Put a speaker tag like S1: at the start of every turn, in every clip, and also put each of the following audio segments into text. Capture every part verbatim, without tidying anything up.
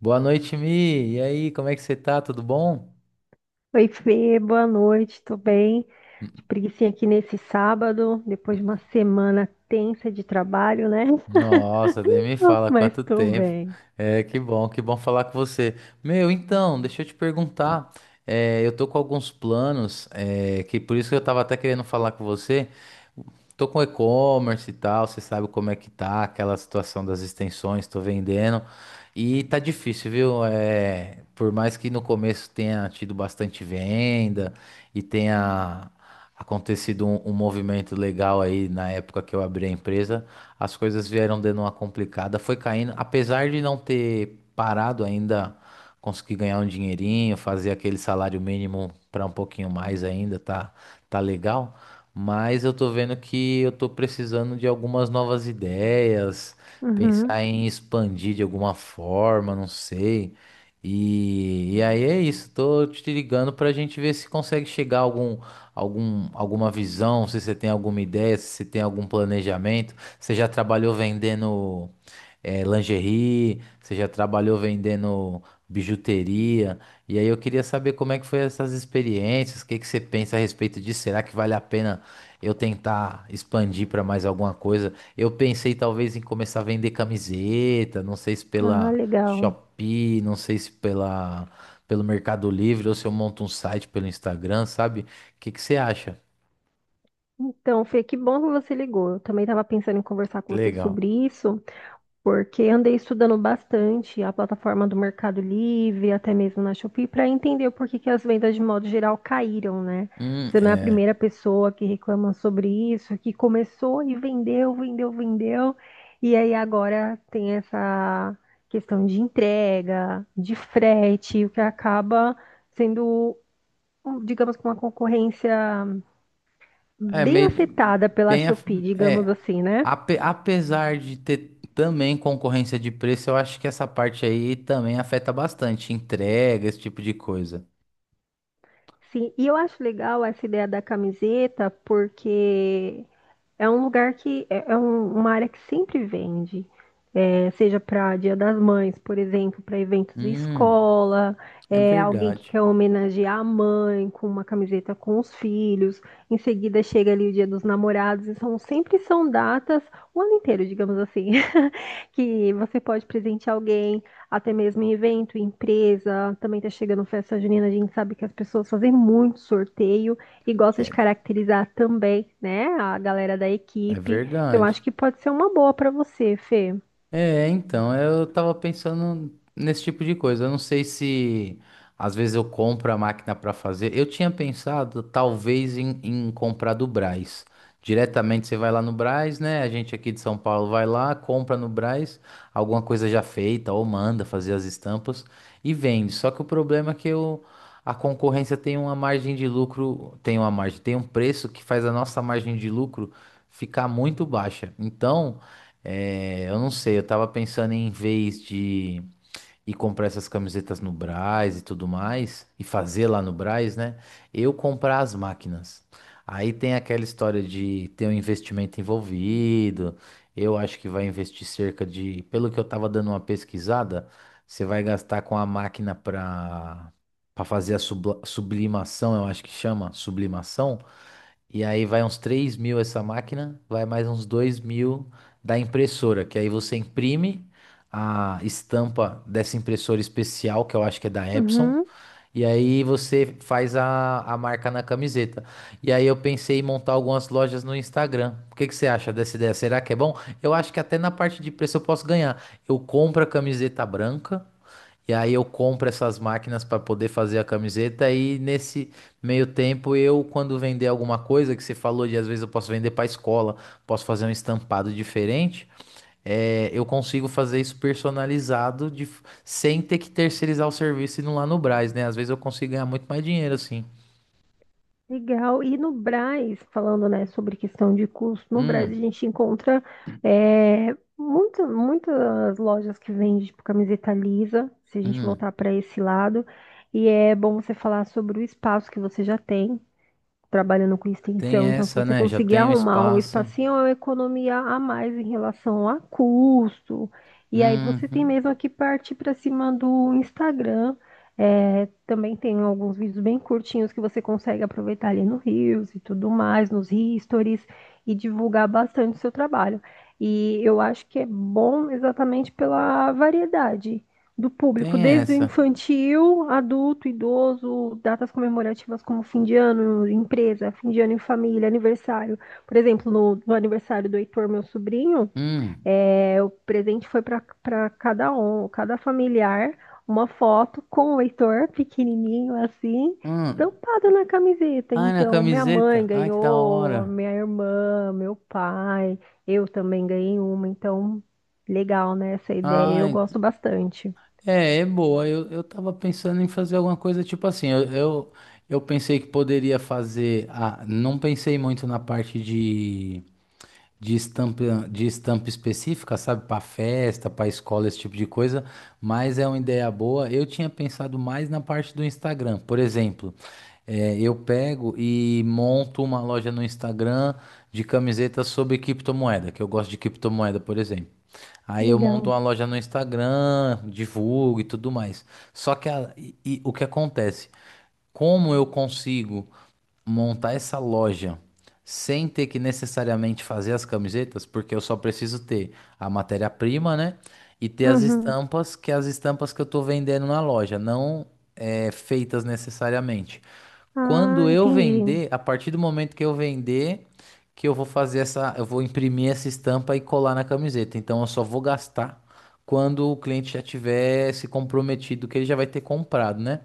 S1: Boa noite, Mi. E aí, como é que você tá? Tudo bom?
S2: Oi, Fê, boa noite, tô bem. De preguicinha aqui nesse sábado, depois de uma semana tensa de trabalho, né?
S1: Nossa, nem me fala
S2: Mas
S1: quanto
S2: tô
S1: tempo.
S2: bem.
S1: É, que bom, que bom falar com você. Meu, então, deixa eu te perguntar. É, eu tô com alguns planos, é, que por isso que eu tava até querendo falar com você. Tô com e-commerce e tal, você sabe como é que tá aquela situação das extensões, tô vendendo. E tá difícil, viu? É, por mais que no começo tenha tido bastante venda e tenha acontecido um, um movimento legal aí na época que eu abri a empresa, as coisas vieram dando uma complicada, foi caindo, apesar de não ter parado ainda, consegui ganhar um dinheirinho, fazer aquele salário mínimo para um pouquinho mais ainda, tá, tá legal. Mas eu tô vendo que eu tô precisando de algumas novas ideias,
S2: Uhum.
S1: pensar em expandir de alguma forma, não sei. E, e aí é isso, tô te ligando pra gente ver se consegue chegar a algum, algum, alguma visão, se você tem alguma ideia, se você tem algum planejamento. Você já trabalhou vendendo eh, lingerie, você já trabalhou vendendo bijuteria, e aí eu queria saber como é que foi essas experiências, o que que você pensa a respeito disso? Será que vale a pena eu tentar expandir para mais alguma coisa? Eu pensei talvez em começar a vender camiseta, não sei se
S2: Ah,
S1: pela
S2: legal.
S1: Shopee, não sei se pela, pelo Mercado Livre, ou se eu monto um site pelo Instagram, sabe? O que que você acha?
S2: Então, Fê, que bom que você ligou. Eu também estava pensando em conversar com você
S1: Legal.
S2: sobre isso, porque andei estudando bastante a plataforma do Mercado Livre, até mesmo na Shopee, para entender por que que as vendas de modo geral caíram, né?
S1: Hum,
S2: Você não é a
S1: é.
S2: primeira pessoa que reclama sobre isso, que começou e vendeu, vendeu, vendeu, e aí agora tem essa questão de entrega, de frete, o que acaba sendo um, digamos, que uma concorrência
S1: É
S2: bem
S1: meio
S2: afetada pela
S1: bem a-
S2: Shopee, digamos
S1: é
S2: assim, né?
S1: ape- Apesar de ter também concorrência de preço, eu acho que essa parte aí também afeta bastante entrega, esse tipo de coisa.
S2: Sim, e eu acho legal essa ideia da camiseta, porque é um lugar que é, é um- uma área que sempre vende. É, seja para Dia das Mães, por exemplo, para eventos de
S1: Hum,
S2: escola,
S1: é
S2: é, alguém que
S1: verdade.
S2: quer homenagear a mãe com uma camiseta com os filhos, em seguida chega ali o Dia dos Namorados, e são sempre são datas o ano inteiro, digamos assim, que você pode presentear alguém, até mesmo em evento, em empresa. Também tá chegando festa junina, a gente sabe que as pessoas fazem muito sorteio e gosta de caracterizar também, né, a galera da
S1: É
S2: equipe. Eu acho
S1: verdade.
S2: que pode ser uma boa para você, Fê.
S1: É, então, eu tava pensando nesse tipo de coisa. Eu não sei se às vezes eu compro a máquina para fazer. Eu tinha pensado talvez em, em comprar do Brás. Diretamente você vai lá no Brás, né? A gente aqui de São Paulo vai lá, compra no Brás alguma coisa já feita ou manda fazer as estampas e vende. Só que o problema é que eu, a concorrência tem uma margem de lucro, tem uma margem, tem um preço que faz a nossa margem de lucro ficar muito baixa. Então. É, eu não sei, eu tava pensando em vez de ir comprar essas camisetas no Brás e tudo mais, e fazer lá no Brás, né? Eu comprar as máquinas. Aí tem aquela história de ter um investimento envolvido. Eu acho que vai investir cerca de, pelo que eu tava dando uma pesquisada, você vai gastar com a máquina para para fazer a subla- sublimação, eu acho que chama sublimação. E aí vai uns três mil essa máquina, vai mais uns dois mil da impressora, que aí você imprime a estampa dessa impressora especial, que eu acho que é da Epson,
S2: Uhum.
S1: e aí você faz a, a marca na camiseta. E aí eu pensei em montar algumas lojas no Instagram. O que que você acha dessa ideia? Será que é bom? Eu acho que até na parte de preço eu posso ganhar. Eu compro a camiseta branca. E aí eu compro essas máquinas para poder fazer a camiseta e nesse meio tempo eu, quando vender alguma coisa que você falou de às vezes eu posso vender para escola, posso fazer um estampado diferente, é, eu consigo fazer isso personalizado de f- sem ter que terceirizar o serviço indo lá no Brás, né? Às vezes eu consigo ganhar muito mais dinheiro assim.
S2: Legal. E no Brás, falando, né, sobre questão de custo, no Brás a
S1: Hum,
S2: gente encontra, é, muita- muitas lojas que vendem tipo camiseta lisa, se a gente
S1: hum,
S2: voltar para esse lado. E é bom você falar sobre o espaço que você já tem, trabalhando com
S1: tem
S2: extensão. Então, se
S1: essa,
S2: você
S1: né? Já
S2: conseguir
S1: tem o
S2: arrumar um
S1: espaço.
S2: espacinho, é uma economia a mais em relação a custo. E aí você tem
S1: Uhum,
S2: mesmo que partir para cima do Instagram. É, também tem alguns vídeos bem curtinhos que você consegue aproveitar ali no Reels e tudo mais, nos Stories, e divulgar bastante o seu trabalho. E eu acho que é bom exatamente pela variedade do público,
S1: tem
S2: desde o
S1: essa.
S2: infantil, adulto, idoso, datas comemorativas como fim de ano, empresa, fim de ano em família, aniversário. Por exemplo, no, no aniversário do Heitor, meu sobrinho,
S1: Hum,
S2: é, o presente foi para cada um, cada familiar, uma foto com o Heitor, pequenininho assim,
S1: hum.
S2: estampado na camiseta.
S1: Ai, na
S2: Então, minha mãe
S1: camiseta. Ai, que da
S2: ganhou,
S1: hora.
S2: minha irmã, meu pai, eu também ganhei uma. Então, legal, né, essa ideia. Eu
S1: Ai,
S2: gosto bastante.
S1: é, é boa. Eu, eu tava pensando em fazer alguma coisa tipo assim. Eu, eu, eu pensei que poderia fazer. A, não pensei muito na parte de de estampa, de estampa específica, sabe? Para festa, para escola, esse tipo de coisa, mas é uma ideia boa. Eu tinha pensado mais na parte do Instagram. Por exemplo, eh, eu pego e monto uma loja no Instagram de camisetas sobre criptomoeda, que eu gosto de criptomoeda, por exemplo.
S2: Que
S1: Aí eu
S2: legal.
S1: monto uma loja no Instagram, divulgo e tudo mais. Só que a- e- e o que acontece? Como eu consigo montar essa loja sem ter que necessariamente fazer as camisetas, porque eu só preciso ter a matéria-prima, né? E ter as
S2: Uhum.
S1: estampas, que é as estampas que eu estou vendendo na loja, não é, feitas necessariamente.
S2: Ah,
S1: Quando eu
S2: entendi.
S1: vender, a partir do momento que eu vender, que eu vou fazer essa, eu vou imprimir essa estampa e colar na camiseta. Então eu só vou gastar quando o cliente já tiver se comprometido que ele já vai ter comprado, né?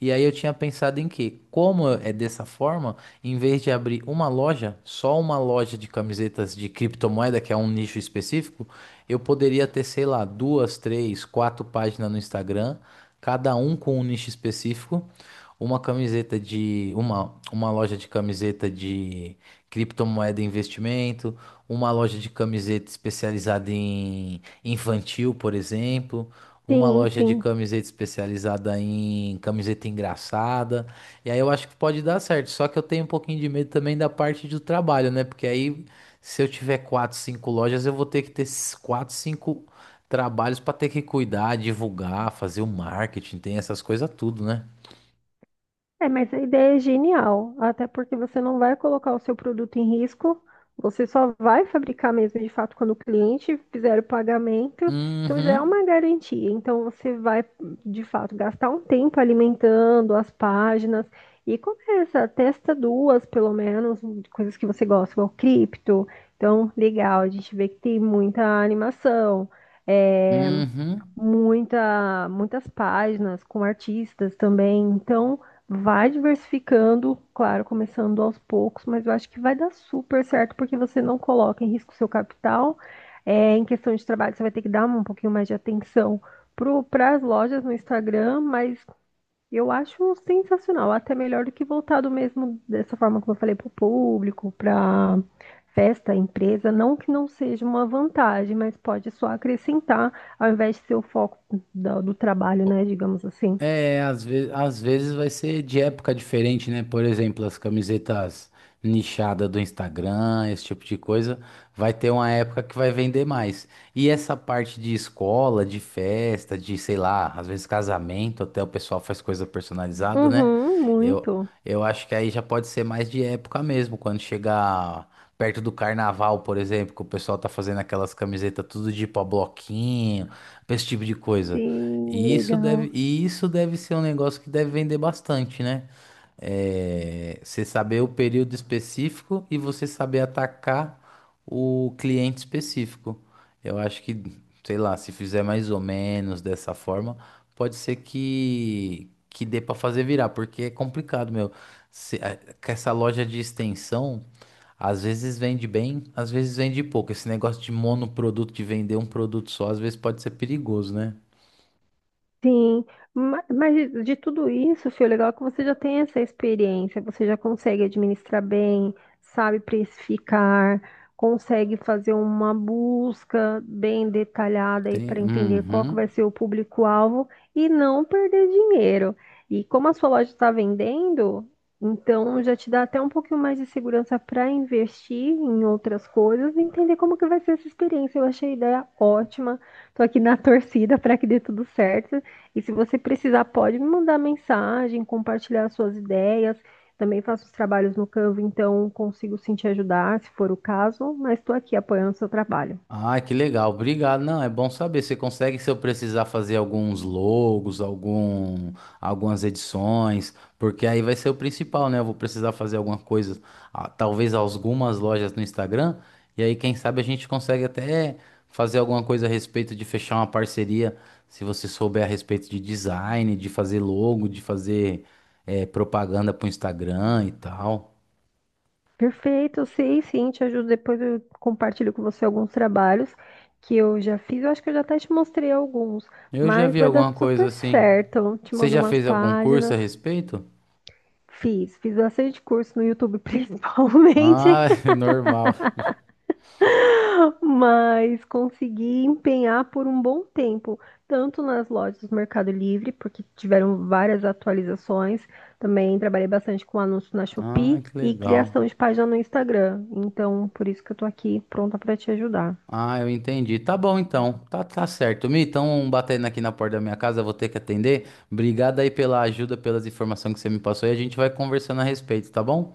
S1: E aí eu tinha pensado em que, como é dessa forma, em vez de abrir uma loja, só uma loja de camisetas de criptomoeda, que é um nicho específico, eu poderia ter, sei lá, duas, três, quatro páginas no Instagram, cada um com um nicho específico, uma camiseta de uma, uma loja de camiseta de criptomoeda e investimento, uma loja de camiseta especializada em infantil, por exemplo, uma
S2: Sim,
S1: loja de
S2: sim.
S1: camiseta especializada em camiseta engraçada. E aí eu acho que pode dar certo, só que eu tenho um pouquinho de medo também da parte do trabalho, né? Porque aí se eu tiver quatro, cinco lojas, eu vou ter que ter esses quatro, cinco trabalhos para ter que cuidar, divulgar, fazer o marketing, tem essas coisas tudo, né?
S2: É, mas a ideia é genial, até porque você não vai colocar o seu produto em risco, você só vai fabricar mesmo de fato quando o cliente fizer o pagamento, então já é
S1: Uhum.
S2: uma garantia. Então você vai de fato gastar um tempo alimentando as páginas e começa, testa duas pelo menos, coisas que você gosta, igual cripto. Então, legal, a gente vê que tem muita animação. É,
S1: Uhum.
S2: muita, muitas páginas com artistas também. Então, vai diversificando, claro, começando aos poucos, mas eu acho que vai dar super certo porque você não coloca em risco o seu capital. É, em questão de trabalho, você vai ter que dar um pouquinho mais de atenção para as lojas no Instagram, mas eu acho sensacional, até melhor do que voltado mesmo dessa forma como eu falei para o público, para festa, empresa, não que não seja uma vantagem, mas pode só acrescentar ao invés de ser o foco do, do trabalho, né, digamos assim.
S1: É, às vezes, às vezes vai ser de época diferente, né? Por exemplo, as camisetas nichadas do Instagram, esse tipo de coisa, vai ter uma época que vai vender mais. E essa parte de escola, de festa, de, sei lá, às vezes casamento, até o pessoal faz coisa personalizada, né?
S2: Uhum,
S1: Eu,
S2: muito.
S1: eu acho que aí já pode ser mais de época mesmo, quando chegar perto do carnaval, por exemplo, que o pessoal tá fazendo aquelas camisetas tudo de pau bloquinho, esse tipo de coisa.
S2: Sim,
S1: E isso deve,
S2: legal.
S1: e isso deve ser um negócio que deve vender bastante, né? É, você saber o período específico e você saber atacar o cliente específico. Eu acho que, sei lá, se fizer mais ou menos dessa forma, pode ser que, que dê para fazer virar, porque é complicado, meu. Se- é, com essa loja de extensão, às vezes vende bem, às vezes vende pouco. Esse negócio de monoproduto, de vender um produto só, às vezes pode ser perigoso, né?
S2: Sim, ma- mas de de tudo isso, filho, o legal é que você já tem essa experiência, você já consegue administrar bem, sabe precificar, consegue fazer uma busca bem detalhada aí
S1: Tem.
S2: para entender qual que
S1: Uhum.
S2: vai ser o público-alvo e não perder dinheiro. E como a sua loja está vendendo, então já te dá até um pouquinho mais de segurança para investir em outras coisas e entender como que vai ser essa experiência. Eu achei a ideia ótima. Tô aqui na torcida para que dê tudo certo. E se você precisar, pode me mandar mensagem, compartilhar suas ideias. Também faço os trabalhos no Canva, então consigo sim te ajudar, se for o caso, mas estou aqui apoiando o seu trabalho.
S1: Ah, que legal. Obrigado. Não, é bom saber. Você consegue, se eu precisar, fazer alguns logos, algum, algumas edições, porque aí vai ser o principal, né? Eu vou precisar fazer alguma coisa, ah, talvez algumas lojas no Instagram, e aí, quem sabe, a gente consegue até fazer alguma coisa a respeito de fechar uma parceria, se você souber a respeito de design, de fazer logo, de fazer, eh, propaganda para o Instagram e tal.
S2: Perfeito, eu sei sim, te ajudo. Depois eu compartilho com você alguns trabalhos que eu já fiz. Eu acho que eu já até te mostrei alguns,
S1: Eu já
S2: mas
S1: vi
S2: vai dar
S1: alguma coisa
S2: super
S1: assim.
S2: certo. Eu te
S1: Você
S2: mando
S1: já
S2: umas
S1: fez algum curso a
S2: páginas.
S1: respeito?
S2: Fiz, fiz bastante curso no YouTube, principalmente.
S1: Ah, normal.
S2: Mas consegui empenhar por um bom tempo, tanto nas lojas do Mercado Livre, porque tiveram várias atualizações. Também trabalhei bastante com anúncio na
S1: Ah,
S2: Shopee
S1: que
S2: e
S1: legal.
S2: criação de página no Instagram. Então, por isso que eu tô aqui pronta para te ajudar.
S1: Ah, eu entendi. Tá bom então. Tá, tá certo. Mi, estão batendo aqui na porta da minha casa, eu vou ter que atender. Obrigado aí pela ajuda, pelas informações que você me passou e a gente vai conversando a respeito, tá bom?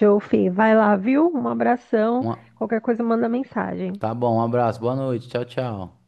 S2: Jofi, vai lá, viu? Um abração.
S1: Um
S2: Qualquer coisa, manda mensagem.
S1: tá bom, um abraço, boa noite, tchau, tchau.